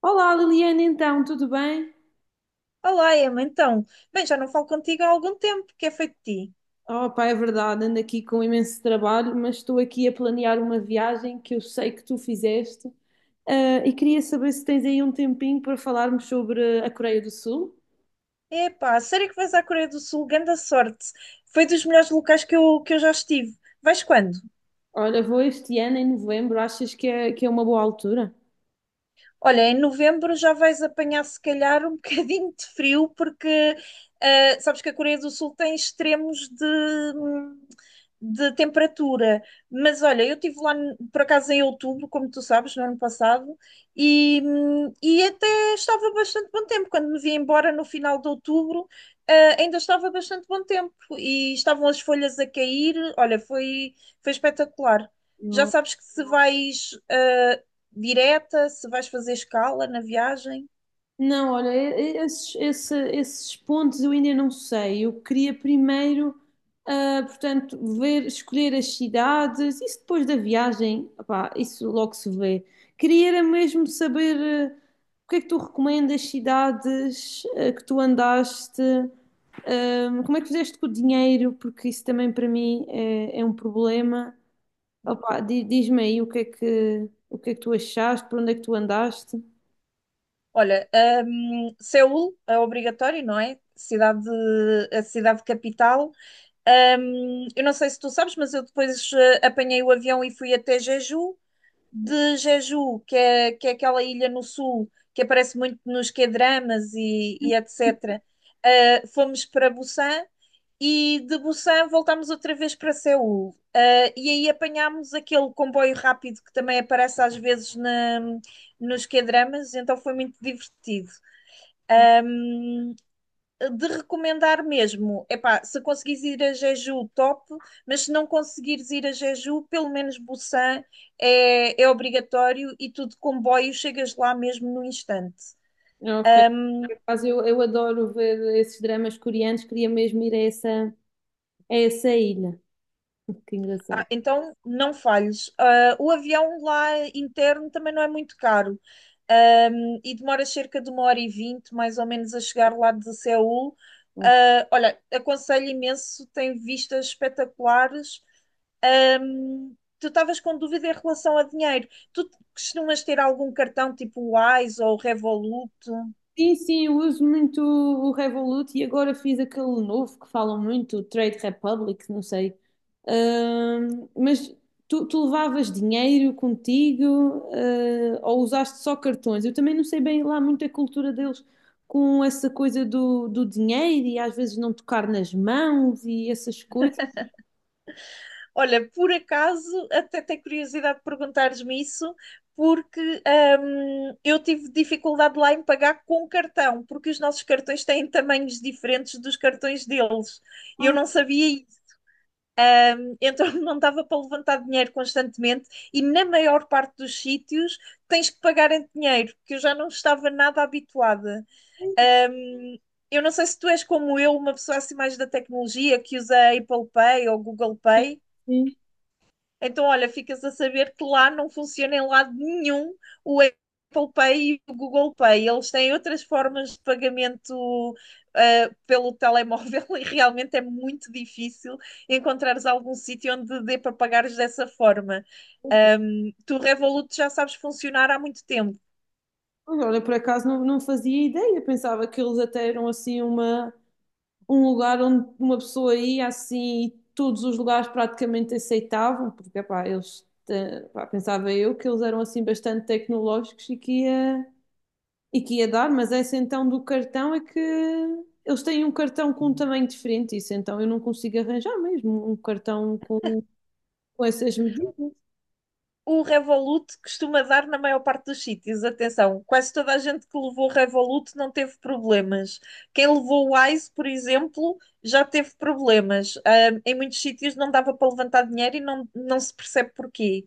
Olá Liliana, então, tudo bem? Olá, Emma, então. Bem, já não falo contigo há algum tempo, que é feito de ti? Oh, pá, é verdade, ando aqui com imenso trabalho, mas estou aqui a planear uma viagem que eu sei que tu fizeste, e queria saber se tens aí um tempinho para falarmos sobre a Coreia do Sul. Epá, sério que vais à Coreia do Sul, grande sorte. Foi dos melhores locais que eu já estive. Vais quando? Olha, vou este ano em novembro, achas que é uma boa altura? Olha, em novembro já vais apanhar se calhar um bocadinho de frio, porque sabes que a Coreia do Sul tem extremos de temperatura. Mas olha, eu estive lá por acaso em outubro, como tu sabes, no ano passado, e até estava bastante bom tempo. Quando me vi embora no final de outubro, ainda estava bastante bom tempo e estavam as folhas a cair. Olha, foi espetacular. Já sabes que se vais direta, se vais fazer escala na viagem. Não, olha, esses pontos eu ainda não sei. Eu queria primeiro, portanto, ver, escolher as cidades. Isso depois da viagem, opá, isso logo se vê. Queria era mesmo saber, ah, o que é que tu recomendas cidades, que tu andaste, como é que fizeste com o dinheiro, porque isso também para mim é um problema. Opá, diz-me aí o que é que, tu achaste, por onde é que tu andaste. Olha, Seul é obrigatório, não é? A cidade capital. Eu não sei se tu sabes, mas eu depois apanhei o avião e fui até Jeju. De Jeju, que é aquela ilha no sul que aparece muito nos K-dramas e etc. Fomos para Busan e de Busan voltámos outra vez para Seul. E aí apanhámos aquele comboio rápido que também aparece às vezes nos K-dramas, então foi muito divertido de recomendar mesmo, epá, se conseguires ir a Jeju, top, mas se não conseguires ir a Jeju, pelo menos Busan é obrigatório e tu de comboio chegas lá mesmo no instante. Ok. Por acaso, eu adoro ver esses dramas coreanos, queria mesmo ir a essa ilha. Que Ah, engraçado. então não falhes. O avião lá interno também não é muito caro. E demora cerca de 1h20, mais ou menos, a chegar lá de Seul. Olha, aconselho imenso, tem vistas espetaculares. Tu estavas com dúvida em relação a dinheiro. Tu costumas ter algum cartão tipo Wise ou Revolut? Sim, sim, eu uso muito o Revolut e agora fiz aquele novo que falam muito, o Trade Republic, não sei. Mas tu levavas dinheiro contigo, ou usaste só cartões? Eu também não sei bem lá muito a cultura deles com essa coisa do dinheiro e às vezes não tocar nas mãos e essas coisas. Olha, por acaso, até tenho curiosidade de perguntares-me isso, porque eu tive dificuldade lá em pagar com cartão, porque os nossos cartões têm tamanhos diferentes dos cartões deles. E eu não sabia isso, então não dava para levantar dinheiro constantemente. E na maior parte dos sítios tens que pagar em dinheiro, que eu já não estava nada habituada. Hum, eu não sei se tu és como eu, uma pessoa assim mais da tecnologia que usa Apple Pay ou Google Pay. Sim. Então, olha, ficas a saber que lá não funciona em lado nenhum o Apple Pay e o Google Pay. Eles têm outras formas de pagamento pelo telemóvel e realmente é muito difícil encontrares algum sítio onde dê para pagares dessa forma. Tu Revolut já sabes funcionar há muito tempo. Mas olha, por acaso não fazia ideia, pensava que eles até eram assim um lugar onde uma pessoa ia assim e todos os lugares praticamente aceitavam, porque epá, pá, pensava eu que eles eram assim bastante tecnológicos e que ia dar, mas essa então do cartão é que eles têm um cartão com um tamanho diferente, isso então eu não consigo arranjar mesmo um cartão com essas medidas. O Revolut costuma dar na maior parte dos sítios. Atenção, quase toda a gente que levou o Revolut não teve problemas. Quem levou o Wise, por exemplo, já teve problemas. Em muitos sítios não dava para levantar dinheiro e não se percebe porquê.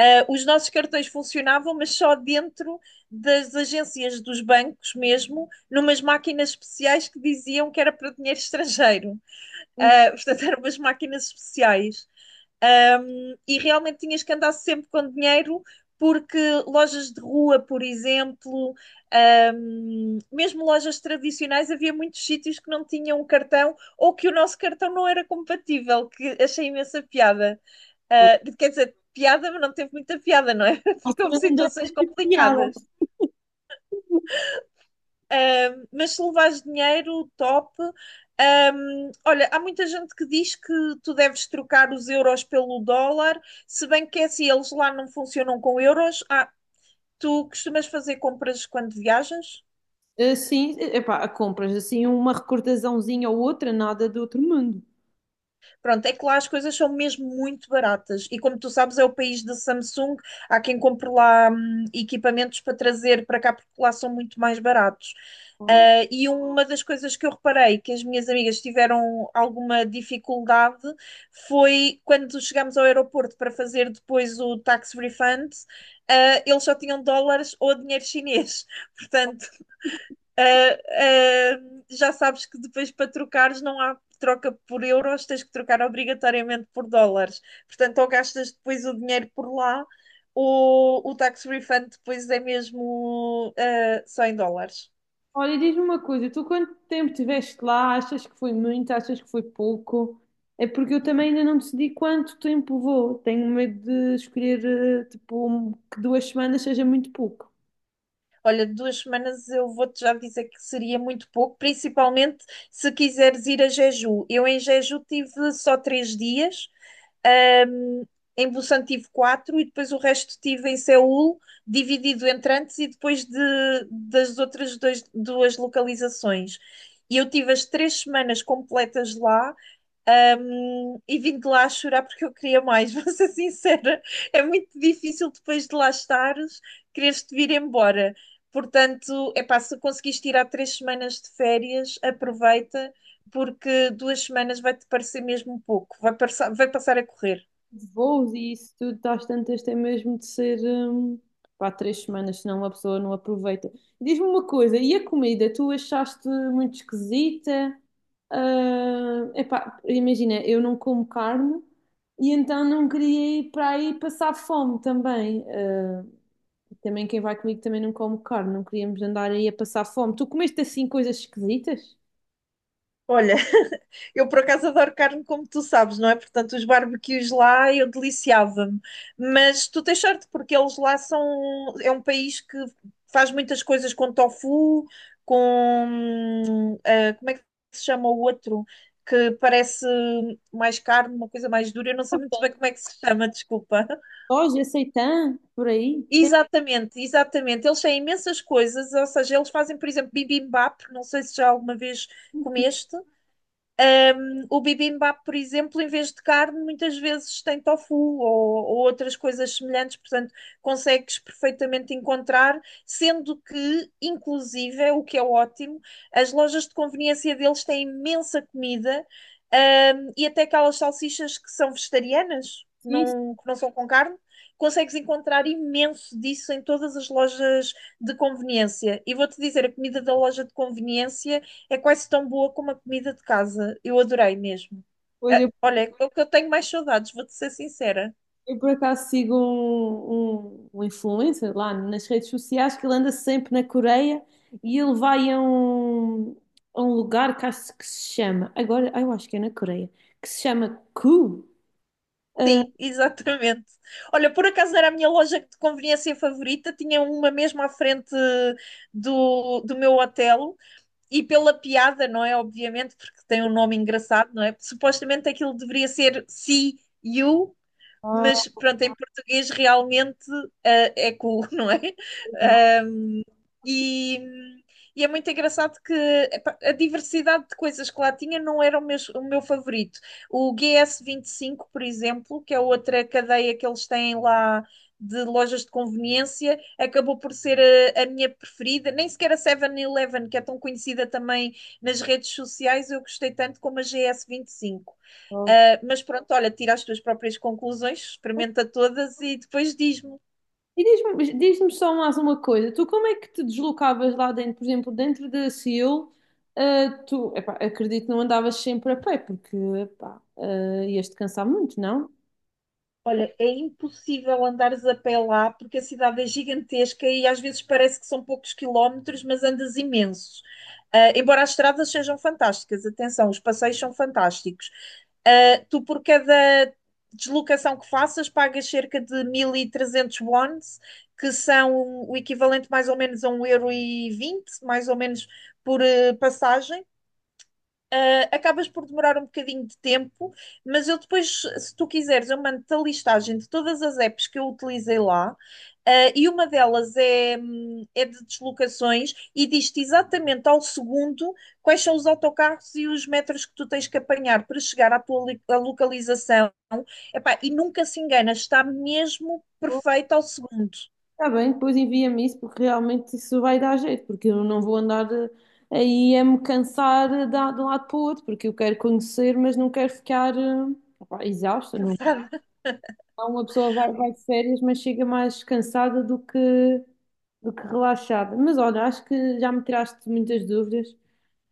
Os nossos cartões funcionavam, mas só dentro das agências dos bancos mesmo, numas máquinas especiais que diziam que era para dinheiro estrangeiro. Portanto, eram umas máquinas especiais. E realmente tinhas que andar sempre com dinheiro, porque lojas de rua, por exemplo, mesmo lojas tradicionais, havia muitos sítios que não tinham cartão ou que o nosso cartão não era compatível, que achei imensa piada. Quer dizer, piada, mas não teve muita piada, não é? Na Porque houve altura não deve situações ter piada. complicadas. Mas se levares dinheiro, top. Olha, há muita gente que diz que tu deves trocar os euros pelo dólar, se bem que é assim, eles lá não funcionam com euros. Tu costumas fazer compras quando viajas? Ah, sim, epá, compras assim uma recordaçãozinha ou outra, nada do outro mundo. Pronto, é que lá as coisas são mesmo muito baratas. E como tu sabes, é o país da Samsung. Há quem compre lá equipamentos para trazer para cá, porque lá são muito mais baratos. E uma das coisas que eu reparei que as minhas amigas tiveram alguma dificuldade foi quando chegámos ao aeroporto para fazer depois o tax refund, eles só tinham dólares ou dinheiro chinês. Portanto, Já sabes que depois para trocares não há troca por euros, tens que trocar obrigatoriamente por dólares. Portanto, ou gastas depois o dinheiro por lá, ou o tax refund depois é mesmo só em dólares. Olha, diz-me uma coisa, tu quanto tempo estiveste lá? Achas que foi muito? Achas que foi pouco? É porque eu também ainda não decidi quanto tempo vou. Tenho medo de escolher, tipo, que 2 semanas seja muito pouco. Olha, 2 semanas eu vou-te já dizer que seria muito pouco, principalmente se quiseres ir a Jeju. Eu em Jeju tive só 3 dias. Um, em Busan tive quatro e depois o resto tive em Seul, dividido entre antes e depois das outras duas localizações. E eu tive as 3 semanas completas lá. E vim de lá chorar porque eu queria mais, vou ser sincera, é muito difícil depois de lá estares, quereres-te vir embora. Portanto, é pá, se conseguiste tirar 3 semanas de férias, aproveita, porque 2 semanas vai-te parecer mesmo pouco, vai passar a correr. Voos e isso tudo, tá às tantas, tem mesmo de ser pá, 3 semanas, senão uma pessoa não aproveita. Diz-me uma coisa, e a comida? Tu achaste muito esquisita? Ah, epá, imagina, eu não como carne e então não queria ir para aí passar fome também. Ah, também quem vai comigo também não come carne, não queríamos andar aí a passar fome. Tu comeste assim coisas esquisitas? Olha, eu por acaso adoro carne, como tu sabes, não é? Portanto, os barbecues lá eu deliciava-me. Mas tu tens sorte, porque eles lá são. É um país que faz muitas coisas com tofu, Como é que se chama o outro? Que parece mais carne, uma coisa mais dura. Eu não sei muito bem como é que se chama, desculpa. Soja, seitã, por aí? Tem Exatamente, exatamente. Eles têm imensas coisas, ou seja, eles fazem, por exemplo, bibimbap, não sei se já alguma vez sim, comeste. O bibimbap, por exemplo, em vez de carne, muitas vezes tem tofu ou outras coisas semelhantes, portanto, consegues perfeitamente encontrar, sendo que, inclusive, é o que é ótimo, as lojas de conveniência deles têm imensa comida, e até aquelas salsichas que são vegetarianas, sim. não, que não são com carne, consegues encontrar imenso disso em todas as lojas de conveniência. E vou-te dizer, a comida da loja de conveniência é quase tão boa como a comida de casa. Eu adorei mesmo. Pois Ah, Olha, é o que eu tenho mais saudades, vou-te ser sincera. eu por acaso sigo um influencer lá nas redes sociais que ele anda sempre na Coreia e ele vai a um, lugar que acho que se chama, agora eu acho que é na Coreia, que se chama Ku. Sim, exatamente. Olha, por acaso era a minha loja de conveniência favorita, tinha uma mesmo à frente do meu hotel, e pela piada, não é? Obviamente, porque tem um nome engraçado, não é? Supostamente aquilo deveria ser See You, mas Ah, pronto, em português realmente é cool, não é? Ahm, e, e é muito engraçado que epá, a diversidade de coisas que lá tinha não era o meu favorito. O GS5, por exemplo, que é outra cadeia que eles têm lá de lojas de conveniência, acabou por ser a minha preferida. Nem sequer a 7-Eleven, que é tão conhecida também nas redes sociais, eu gostei tanto como a GS5. não. Mas pronto, olha, tira as tuas próprias conclusões, experimenta todas e depois diz-me. E diz-me só mais uma coisa, tu como é que te deslocavas lá dentro, por exemplo, dentro da Seul, tu, epá, acredito que não andavas sempre a pé, porque epá, ias-te cansar muito, não? Olha, é impossível andares a pé lá porque a cidade é gigantesca e às vezes parece que são poucos quilómetros, mas andas imensos. Embora as estradas sejam fantásticas, atenção, os passeios são fantásticos. Tu, por cada deslocação que faças, pagas cerca de 1300 wons, que são o equivalente mais ou menos a um euro e vinte, mais ou menos por passagem. Acabas por demorar um bocadinho de tempo, mas eu depois, se tu quiseres, eu mando-te a listagem de todas as apps que eu utilizei lá, e uma delas é de deslocações e diz-te exatamente ao segundo quais são os autocarros e os metros que tu tens que apanhar para chegar à tua à localização. Epá, e nunca se engana, está mesmo perfeito ao segundo. Está bem, depois envia-me isso, porque realmente isso vai dar jeito, porque eu não vou andar aí a me cansar de um lado para o outro, porque eu quero conhecer, mas não quero ficar opá, exausta, não. Então, uma pessoa vai, de férias, mas chega mais cansada do que relaxada. Mas olha, acho que já me tiraste muitas dúvidas.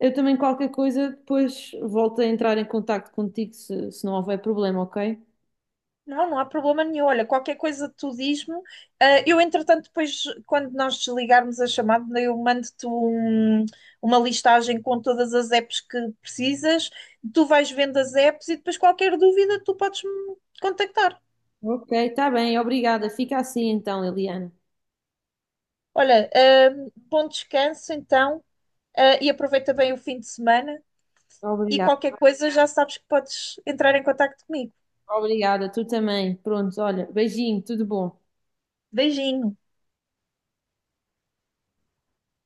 Eu também, qualquer coisa, depois volto a entrar em contacto contigo se não houver problema, ok? Não, não há problema nenhum. Olha, qualquer coisa tu diz-me. Eu, entretanto, depois, quando nós desligarmos a chamada, eu mando-te uma listagem com todas as apps que precisas. Tu vais vendo as apps e depois qualquer dúvida tu podes me contactar. Ok, está bem, obrigada. Fica assim então, Eliana. Olha, bom descanso então, e aproveita bem o fim de semana. E Obrigada. qualquer coisa já sabes que podes entrar em contato comigo. Obrigada, tu também. Pronto, olha, beijinho, tudo bom. Beijinho.